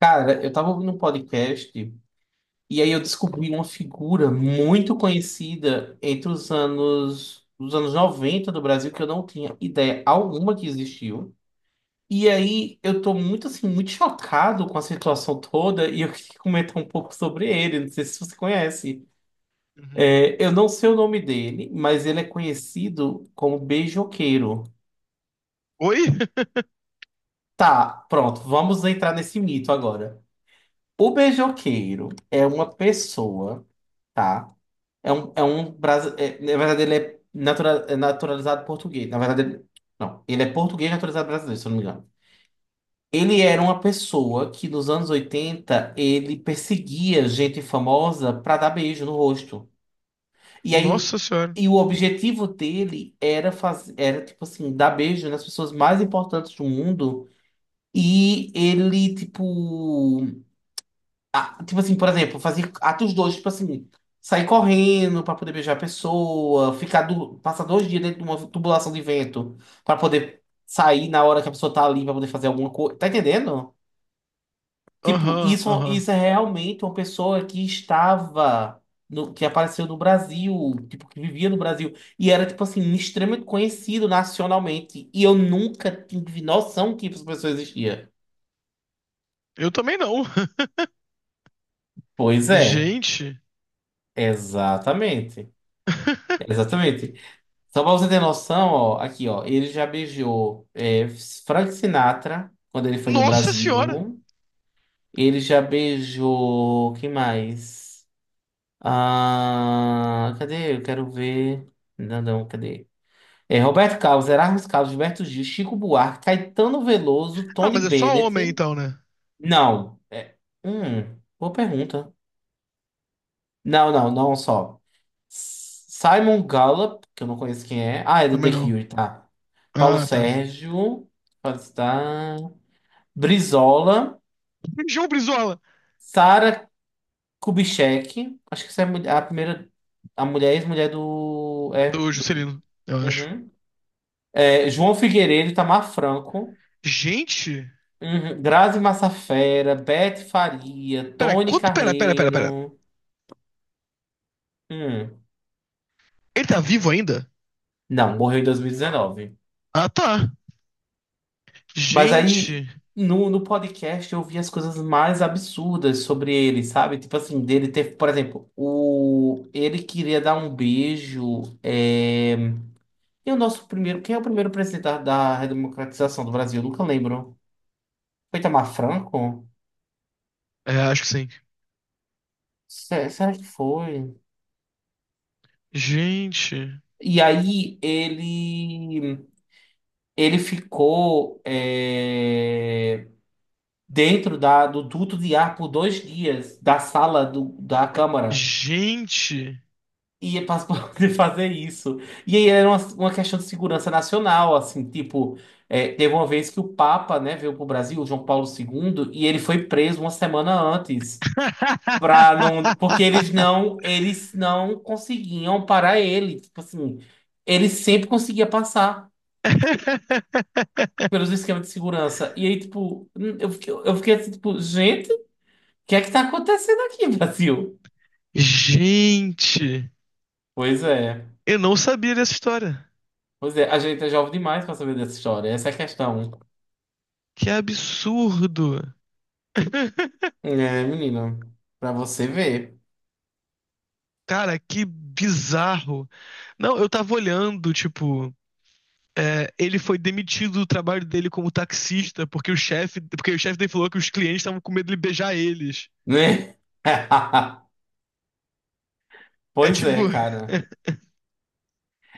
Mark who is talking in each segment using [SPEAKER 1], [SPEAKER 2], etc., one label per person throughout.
[SPEAKER 1] Cara, eu tava ouvindo um podcast e aí eu descobri uma figura muito conhecida entre os anos 90 do Brasil que eu não tinha ideia alguma que existiu. E aí eu tô muito chocado com a situação toda e eu queria comentar um pouco sobre ele, não sei se você conhece.
[SPEAKER 2] Uhum.
[SPEAKER 1] É, eu não sei o nome dele, mas ele é conhecido como Beijoqueiro.
[SPEAKER 2] Oi?
[SPEAKER 1] Tá, pronto, vamos entrar nesse mito agora. O beijoqueiro é uma pessoa, tá? É um é, na verdade, é naturalizado português. Na verdade, não, ele é português naturalizado brasileiro, se eu não me engano. Ele era uma pessoa que nos anos 80 ele perseguia gente famosa pra dar beijo no rosto. E aí o,
[SPEAKER 2] Nossa senhora.
[SPEAKER 1] e o objetivo dele era fazer, era tipo assim, dar beijo nas pessoas mais importantes do mundo. E ele, tipo, Tipo assim, por exemplo, fazer atos dois, tipo assim, sair correndo pra poder beijar a pessoa, passar dois dias dentro de uma tubulação de vento pra poder sair na hora que a pessoa tá ali pra poder fazer alguma coisa. Tá entendendo? Tipo,
[SPEAKER 2] Aham, aham.
[SPEAKER 1] isso é realmente uma pessoa que apareceu no Brasil, tipo, que vivia no Brasil e era, tipo assim, extremamente conhecido nacionalmente. E eu nunca tive noção que essa pessoa existia.
[SPEAKER 2] Eu também não.
[SPEAKER 1] Pois é,
[SPEAKER 2] Gente.
[SPEAKER 1] exatamente. Exatamente. Só pra você ter noção, ó, aqui, ó, ele já beijou Frank Sinatra quando ele foi no
[SPEAKER 2] Nossa senhora.
[SPEAKER 1] Brasil. Ele já beijou. Quem mais? Ah, cadê? Eu quero ver. Não, não, cadê? É, Roberto Carlos, Erasmus Carlos, Gilberto Gil, Chico Buarque, Caetano Veloso,
[SPEAKER 2] Ah,
[SPEAKER 1] Tony
[SPEAKER 2] mas é só homem
[SPEAKER 1] Bennett.
[SPEAKER 2] então, né?
[SPEAKER 1] Não. Boa pergunta. Não, não, não só. Simon Gallup, que eu não conheço quem é. Ah, é do
[SPEAKER 2] Também
[SPEAKER 1] The
[SPEAKER 2] não.
[SPEAKER 1] Cure, tá. Paulo
[SPEAKER 2] Ah, tá.
[SPEAKER 1] Sérgio, pode estar. Brizola,
[SPEAKER 2] João Brizola.
[SPEAKER 1] Sara Kubitschek, acho que essa é a mulher- a primeira, a mulher ex-mulher do,
[SPEAKER 2] É
[SPEAKER 1] é,
[SPEAKER 2] do
[SPEAKER 1] do,
[SPEAKER 2] Juscelino, eu acho.
[SPEAKER 1] uhum. É, João Figueiredo, Itamar Franco,
[SPEAKER 2] Gente.
[SPEAKER 1] uhum. Grazi Massafera, Beth Faria,
[SPEAKER 2] Pera,
[SPEAKER 1] Tony
[SPEAKER 2] quanto. Pera, pera, pera, pera.
[SPEAKER 1] Carreiro, hum.
[SPEAKER 2] Ele tá vivo ainda?
[SPEAKER 1] Não, morreu em 2019.
[SPEAKER 2] Ah, tá.
[SPEAKER 1] Mas aí,
[SPEAKER 2] Gente.
[SPEAKER 1] no podcast, eu vi as coisas mais absurdas sobre ele, sabe? Tipo assim, dele ter, por exemplo, ele queria dar um beijo. E o nosso primeiro. Quem é o primeiro presidente da redemocratização do Brasil? Eu nunca lembro. Foi Itamar Franco?
[SPEAKER 2] É, acho que sim.
[SPEAKER 1] Será que foi?
[SPEAKER 2] Gente.
[SPEAKER 1] E aí ele ficou dentro do duto de ar por dois dias da sala da Câmara.
[SPEAKER 2] Gente.
[SPEAKER 1] E é para poder fazer isso. E aí era uma questão de segurança nacional, assim, tipo, teve uma vez que o Papa, né, veio pro Brasil, o João Paulo II, e ele foi preso uma semana antes, para não, porque eles não conseguiam parar ele, tipo assim, ele sempre conseguia passar pelos esquemas de segurança. E aí, tipo, eu fiquei assim, tipo, gente, o que tá acontecendo aqui, Brasil?
[SPEAKER 2] Gente.
[SPEAKER 1] Pois é.
[SPEAKER 2] Eu não sabia dessa história.
[SPEAKER 1] Pois é, a gente é jovem demais para saber dessa história. Essa é a questão.
[SPEAKER 2] Que absurdo!
[SPEAKER 1] É, menino, pra você ver,
[SPEAKER 2] Cara, que bizarro. Não, eu tava olhando, tipo, é, ele foi demitido do trabalho dele como taxista porque o chefe dele falou que os clientes estavam com medo de beijar eles.
[SPEAKER 1] né?
[SPEAKER 2] É
[SPEAKER 1] Pois
[SPEAKER 2] tipo,
[SPEAKER 1] é, cara.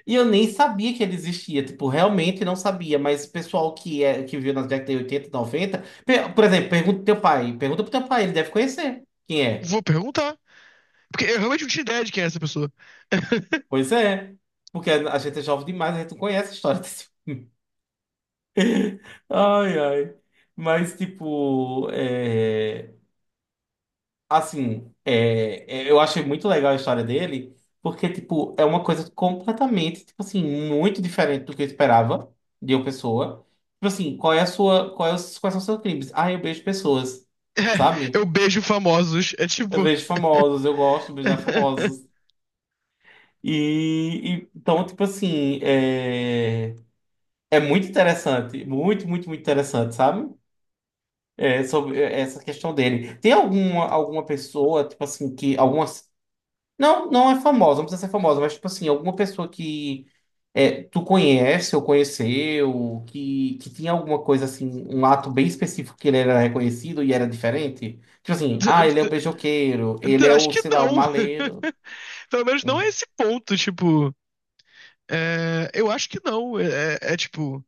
[SPEAKER 1] E eu nem sabia que ele existia, tipo, realmente não sabia, mas o pessoal que viu nas décadas de 80, 90, por exemplo, pergunta pro teu pai, ele deve conhecer quem é.
[SPEAKER 2] vou perguntar, porque eu realmente não tinha ideia de quem é essa pessoa.
[SPEAKER 1] Pois é, porque a gente é jovem demais, a gente não conhece a história desse. Ai, ai. Mas, tipo, é. Assim, eu achei muito legal a história dele, porque, tipo, é uma coisa completamente, tipo assim, muito diferente do que eu esperava de uma pessoa. Tipo assim, qual é quais são os seus crimes? Ah, eu beijo pessoas,
[SPEAKER 2] É, eu
[SPEAKER 1] sabe?
[SPEAKER 2] beijo famosos. É
[SPEAKER 1] Eu
[SPEAKER 2] tipo,
[SPEAKER 1] vejo famosos, eu gosto de beijar famosos. Então, tipo assim, é muito interessante, muito interessante, sabe? É, sobre essa questão dele. Tem alguma pessoa, tipo assim, que alguma... Não, não é famosa, não precisa ser famosa, mas tipo assim, alguma pessoa que tu conhece ou conheceu, que tinha alguma coisa assim, um ato bem específico que ele era reconhecido e era diferente. Tipo assim, ah, ele é o beijoqueiro, ele é
[SPEAKER 2] acho
[SPEAKER 1] o,
[SPEAKER 2] que
[SPEAKER 1] sei lá, o
[SPEAKER 2] não.
[SPEAKER 1] maleiro.
[SPEAKER 2] Pelo menos não é
[SPEAKER 1] Hum.
[SPEAKER 2] esse ponto, tipo, é, eu acho que não. É, tipo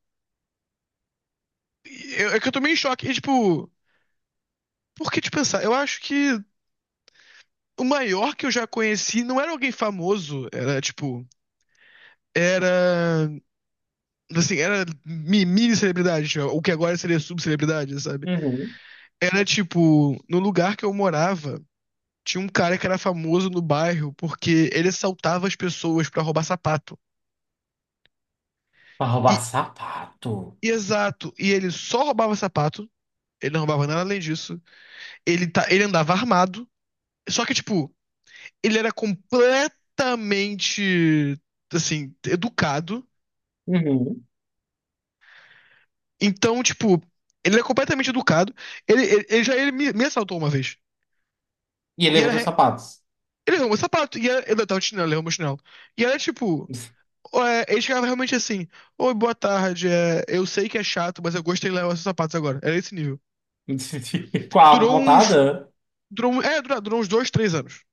[SPEAKER 2] é que eu tô meio em choque. E, tipo, por que te pensar? Eu acho que o maior que eu já conheci não era alguém famoso, era tipo. Era. Assim, era mini celebridade, tipo, o que agora seria subcelebridade, sabe?
[SPEAKER 1] Uhum.
[SPEAKER 2] Era tipo. No lugar que eu morava, tinha um cara que era famoso no bairro porque ele assaltava as pessoas pra roubar sapato.
[SPEAKER 1] Pra
[SPEAKER 2] E,
[SPEAKER 1] roubar sapato.
[SPEAKER 2] e exato, e ele só roubava sapato, ele não roubava nada além disso. Ele, tá, ele andava armado. Só que, tipo. Ele era completamente, assim, educado.
[SPEAKER 1] Uhum.
[SPEAKER 2] Então, tipo, ele é completamente educado. Ele me assaltou uma vez.
[SPEAKER 1] E ele
[SPEAKER 2] E era.
[SPEAKER 1] levou os
[SPEAKER 2] re-
[SPEAKER 1] sapatos.
[SPEAKER 2] Ele arrumou sapato. E era, ele tava de chinelo, ele arrumou chinelo. E era tipo. É, ele chegava realmente assim: Oi, boa tarde. É, eu sei que é chato, mas eu gostei de levar seus sapatos agora. Era esse nível.
[SPEAKER 1] Com a arma
[SPEAKER 2] Durou uns.
[SPEAKER 1] apontada?
[SPEAKER 2] Durou, um- é, durou, durou uns dois, três anos.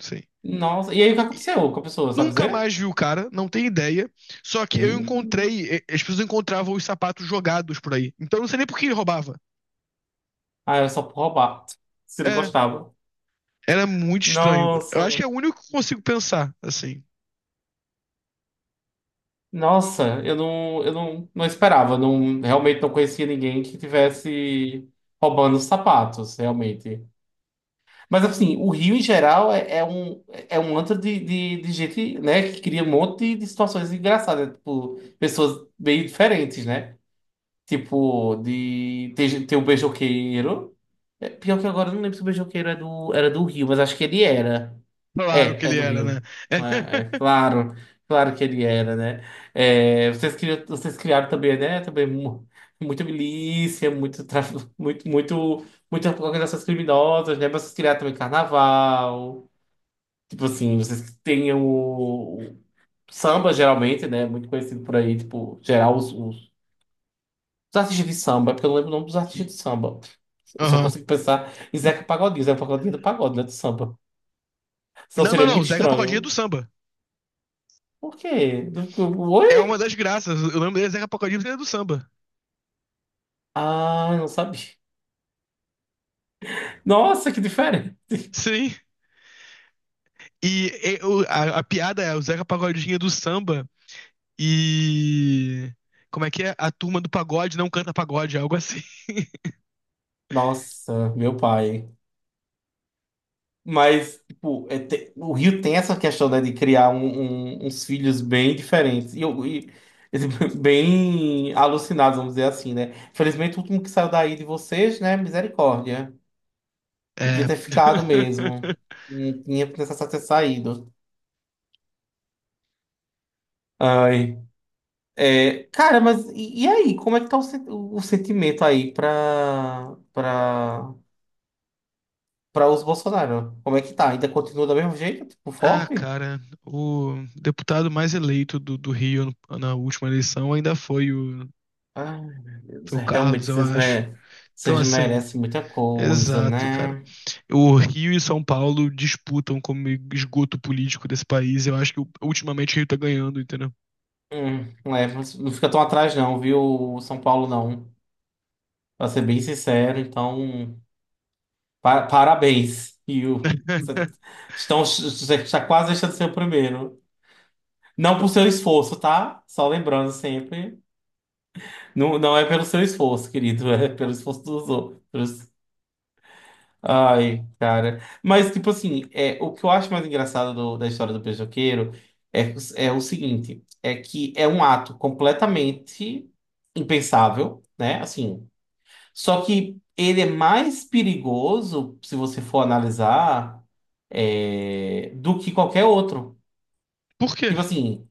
[SPEAKER 2] Sim.
[SPEAKER 1] Nossa, e aí o que aconteceu com a pessoa, sabe
[SPEAKER 2] Nunca
[SPEAKER 1] dizer?
[SPEAKER 2] mais vi o cara, não tem ideia. Só que eu
[SPEAKER 1] E...
[SPEAKER 2] encontrei, as pessoas encontravam os sapatos jogados por aí. Então eu não sei nem por que ele roubava.
[SPEAKER 1] Ah, era só por roubar. Se ele
[SPEAKER 2] É,
[SPEAKER 1] gostava.
[SPEAKER 2] era muito estranho. Eu acho que
[SPEAKER 1] Nossa.
[SPEAKER 2] é o único que consigo pensar, assim.
[SPEAKER 1] Nossa, eu não, não esperava, não, realmente não conhecia ninguém que tivesse roubando os sapatos, realmente. Mas assim, o Rio em geral é um... É um antro de gente, né, que cria um monte de situações engraçadas, tipo, pessoas bem diferentes, né? Tipo, tem o beijoqueiro. É, pior que agora eu não lembro se o beijoqueiro é do, era do Rio, mas acho que ele era.
[SPEAKER 2] Claro que
[SPEAKER 1] É, é
[SPEAKER 2] ele
[SPEAKER 1] do
[SPEAKER 2] era, né?
[SPEAKER 1] Rio.
[SPEAKER 2] É.
[SPEAKER 1] É, é claro, claro que ele era, né? É, vocês criaram também, né? Também muita milícia, muito tráfico, muitas organizações criminosas, né? Mas vocês criaram também carnaval. Tipo assim, vocês têm o samba, geralmente, né? Muito conhecido por aí, tipo, geral, os artistas de samba, é porque eu não lembro o nome dos artistas de samba. Eu só
[SPEAKER 2] Aham.
[SPEAKER 1] consigo pensar em Zeca Pagodinho, Zeca Pagodinho é do pagode, né? Do samba. Senão
[SPEAKER 2] Não, não,
[SPEAKER 1] seria
[SPEAKER 2] não.
[SPEAKER 1] muito
[SPEAKER 2] Zeca Pagodinho é do
[SPEAKER 1] estranho.
[SPEAKER 2] samba.
[SPEAKER 1] Por quê? Oi?
[SPEAKER 2] É uma das graças. Eu lembro dele é Zeca Pagodinho é do samba.
[SPEAKER 1] Ah, não sabia. Nossa, que diferente.
[SPEAKER 2] Sim. E, a piada é o Zeca Pagodinho é do samba e. Como é que é? A turma do pagode não canta pagode, algo assim.
[SPEAKER 1] Nossa, meu pai. Mas, tipo, o Rio tem essa questão, né, de criar uns filhos bem diferentes. Bem alucinados, vamos dizer assim, né? Felizmente, o último que saiu daí de vocês, né? Misericórdia. Podia
[SPEAKER 2] É.
[SPEAKER 1] ter ficado mesmo. Não tinha necessidade ter saído. Ai. É, cara, mas e aí? Como é que tá o sentimento aí pra, pra para os Bolsonaro. Como é que tá? Ainda continua do mesmo jeito? Tipo,
[SPEAKER 2] Ah,
[SPEAKER 1] forte?
[SPEAKER 2] cara, o deputado mais eleito do Rio na última eleição ainda
[SPEAKER 1] Ai, meu Deus,
[SPEAKER 2] foi o
[SPEAKER 1] é, realmente
[SPEAKER 2] Carlos, eu
[SPEAKER 1] vocês,
[SPEAKER 2] acho.
[SPEAKER 1] me...
[SPEAKER 2] Então,
[SPEAKER 1] vocês
[SPEAKER 2] assim,
[SPEAKER 1] merecem muita coisa,
[SPEAKER 2] exato, cara.
[SPEAKER 1] né?
[SPEAKER 2] O Rio e São Paulo disputam como esgoto político desse país. Eu acho que ultimamente o Rio tá ganhando, entendeu?
[SPEAKER 1] Hum, é, mas não fica tão atrás, não, viu, São Paulo, não. Pra ser bem sincero, então, parabéns, Rio. Você está quase deixando de ser o primeiro. Não por seu esforço, tá? Só lembrando sempre. Não, não é pelo seu esforço, querido, é pelo esforço dos outros. Ai, cara. Mas, tipo assim, é, o que eu acho mais engraçado da história do beijoqueiro é, é o seguinte: é que é um ato completamente impensável, né? Assim, só que ele é mais perigoso, se você for analisar, é, do que qualquer outro.
[SPEAKER 2] Por quê?
[SPEAKER 1] Tipo assim.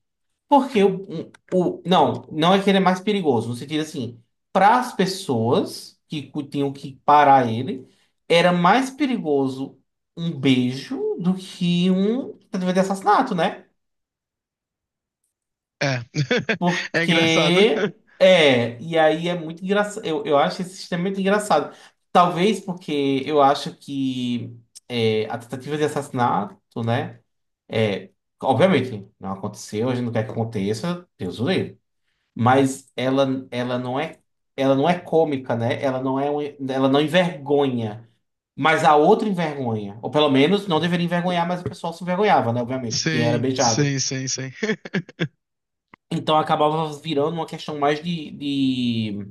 [SPEAKER 1] Porque o, não, não é que ele é mais perigoso, no sentido assim, para as pessoas que tinham que parar ele, era mais perigoso um beijo do que um tentativa de assassinato, né?
[SPEAKER 2] É. É engraçado.
[SPEAKER 1] Porque é, e aí é muito engraçado, eu acho esse sistema muito engraçado. Talvez porque eu acho que é, a tentativa de assassinato, né? É, obviamente, não aconteceu, a gente não quer que aconteça, Deus o livre. Mas ela não é ela não é cômica, né? Ela não envergonha, mas a outra envergonha, ou pelo menos não deveria envergonhar, mas o pessoal se envergonhava, né? Obviamente, quem era
[SPEAKER 2] Sim,
[SPEAKER 1] beijado.
[SPEAKER 2] sim, sim, sim.
[SPEAKER 1] Então acabava virando uma questão mais de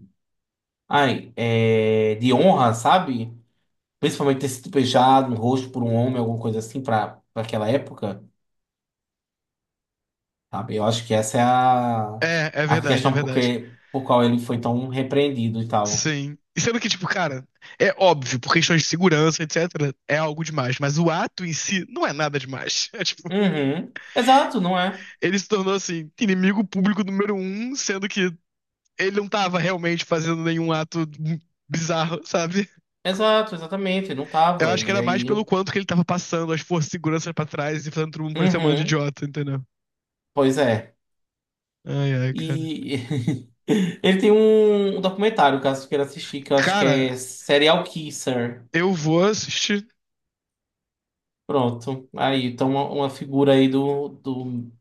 [SPEAKER 1] ai, é, de honra, sabe? Principalmente ter sido beijado no rosto por um homem, alguma coisa assim, para aquela época, sabe? Eu acho que essa é
[SPEAKER 2] É, é
[SPEAKER 1] a
[SPEAKER 2] verdade, é
[SPEAKER 1] questão
[SPEAKER 2] verdade.
[SPEAKER 1] porque, por qual ele foi tão repreendido e tal.
[SPEAKER 2] Sim. E sendo que, tipo, cara, é óbvio, por questões de segurança, etc., é algo demais. Mas o ato em si não é nada demais. É tipo,
[SPEAKER 1] Uhum. Exato, não é?
[SPEAKER 2] ele se tornou, assim, inimigo público número um, sendo que ele não tava realmente fazendo nenhum ato bizarro, sabe?
[SPEAKER 1] Exato, exatamente, não
[SPEAKER 2] Eu
[SPEAKER 1] tava.
[SPEAKER 2] acho que
[SPEAKER 1] E
[SPEAKER 2] era mais
[SPEAKER 1] aí.
[SPEAKER 2] pelo quanto que ele tava passando as forças de segurança pra trás e fazendo todo mundo parecer um bando de
[SPEAKER 1] Uhum,
[SPEAKER 2] idiota, entendeu?
[SPEAKER 1] pois é.
[SPEAKER 2] Ai, ai, cara.
[SPEAKER 1] E ele tem um documentário, caso tu queira assistir, que eu acho que
[SPEAKER 2] Cara,
[SPEAKER 1] é Serial Kisser.
[SPEAKER 2] eu vou assistir.
[SPEAKER 1] Pronto. Aí, então uma figura aí do, do.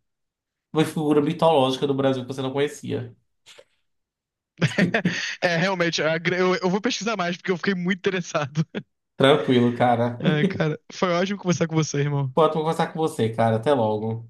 [SPEAKER 1] Uma figura mitológica do Brasil que você não conhecia.
[SPEAKER 2] É, realmente, eu vou pesquisar mais, porque eu fiquei muito interessado.
[SPEAKER 1] Tranquilo, cara.
[SPEAKER 2] É, cara, foi ótimo conversar com você, irmão.
[SPEAKER 1] pode conversar com você, cara. Até logo.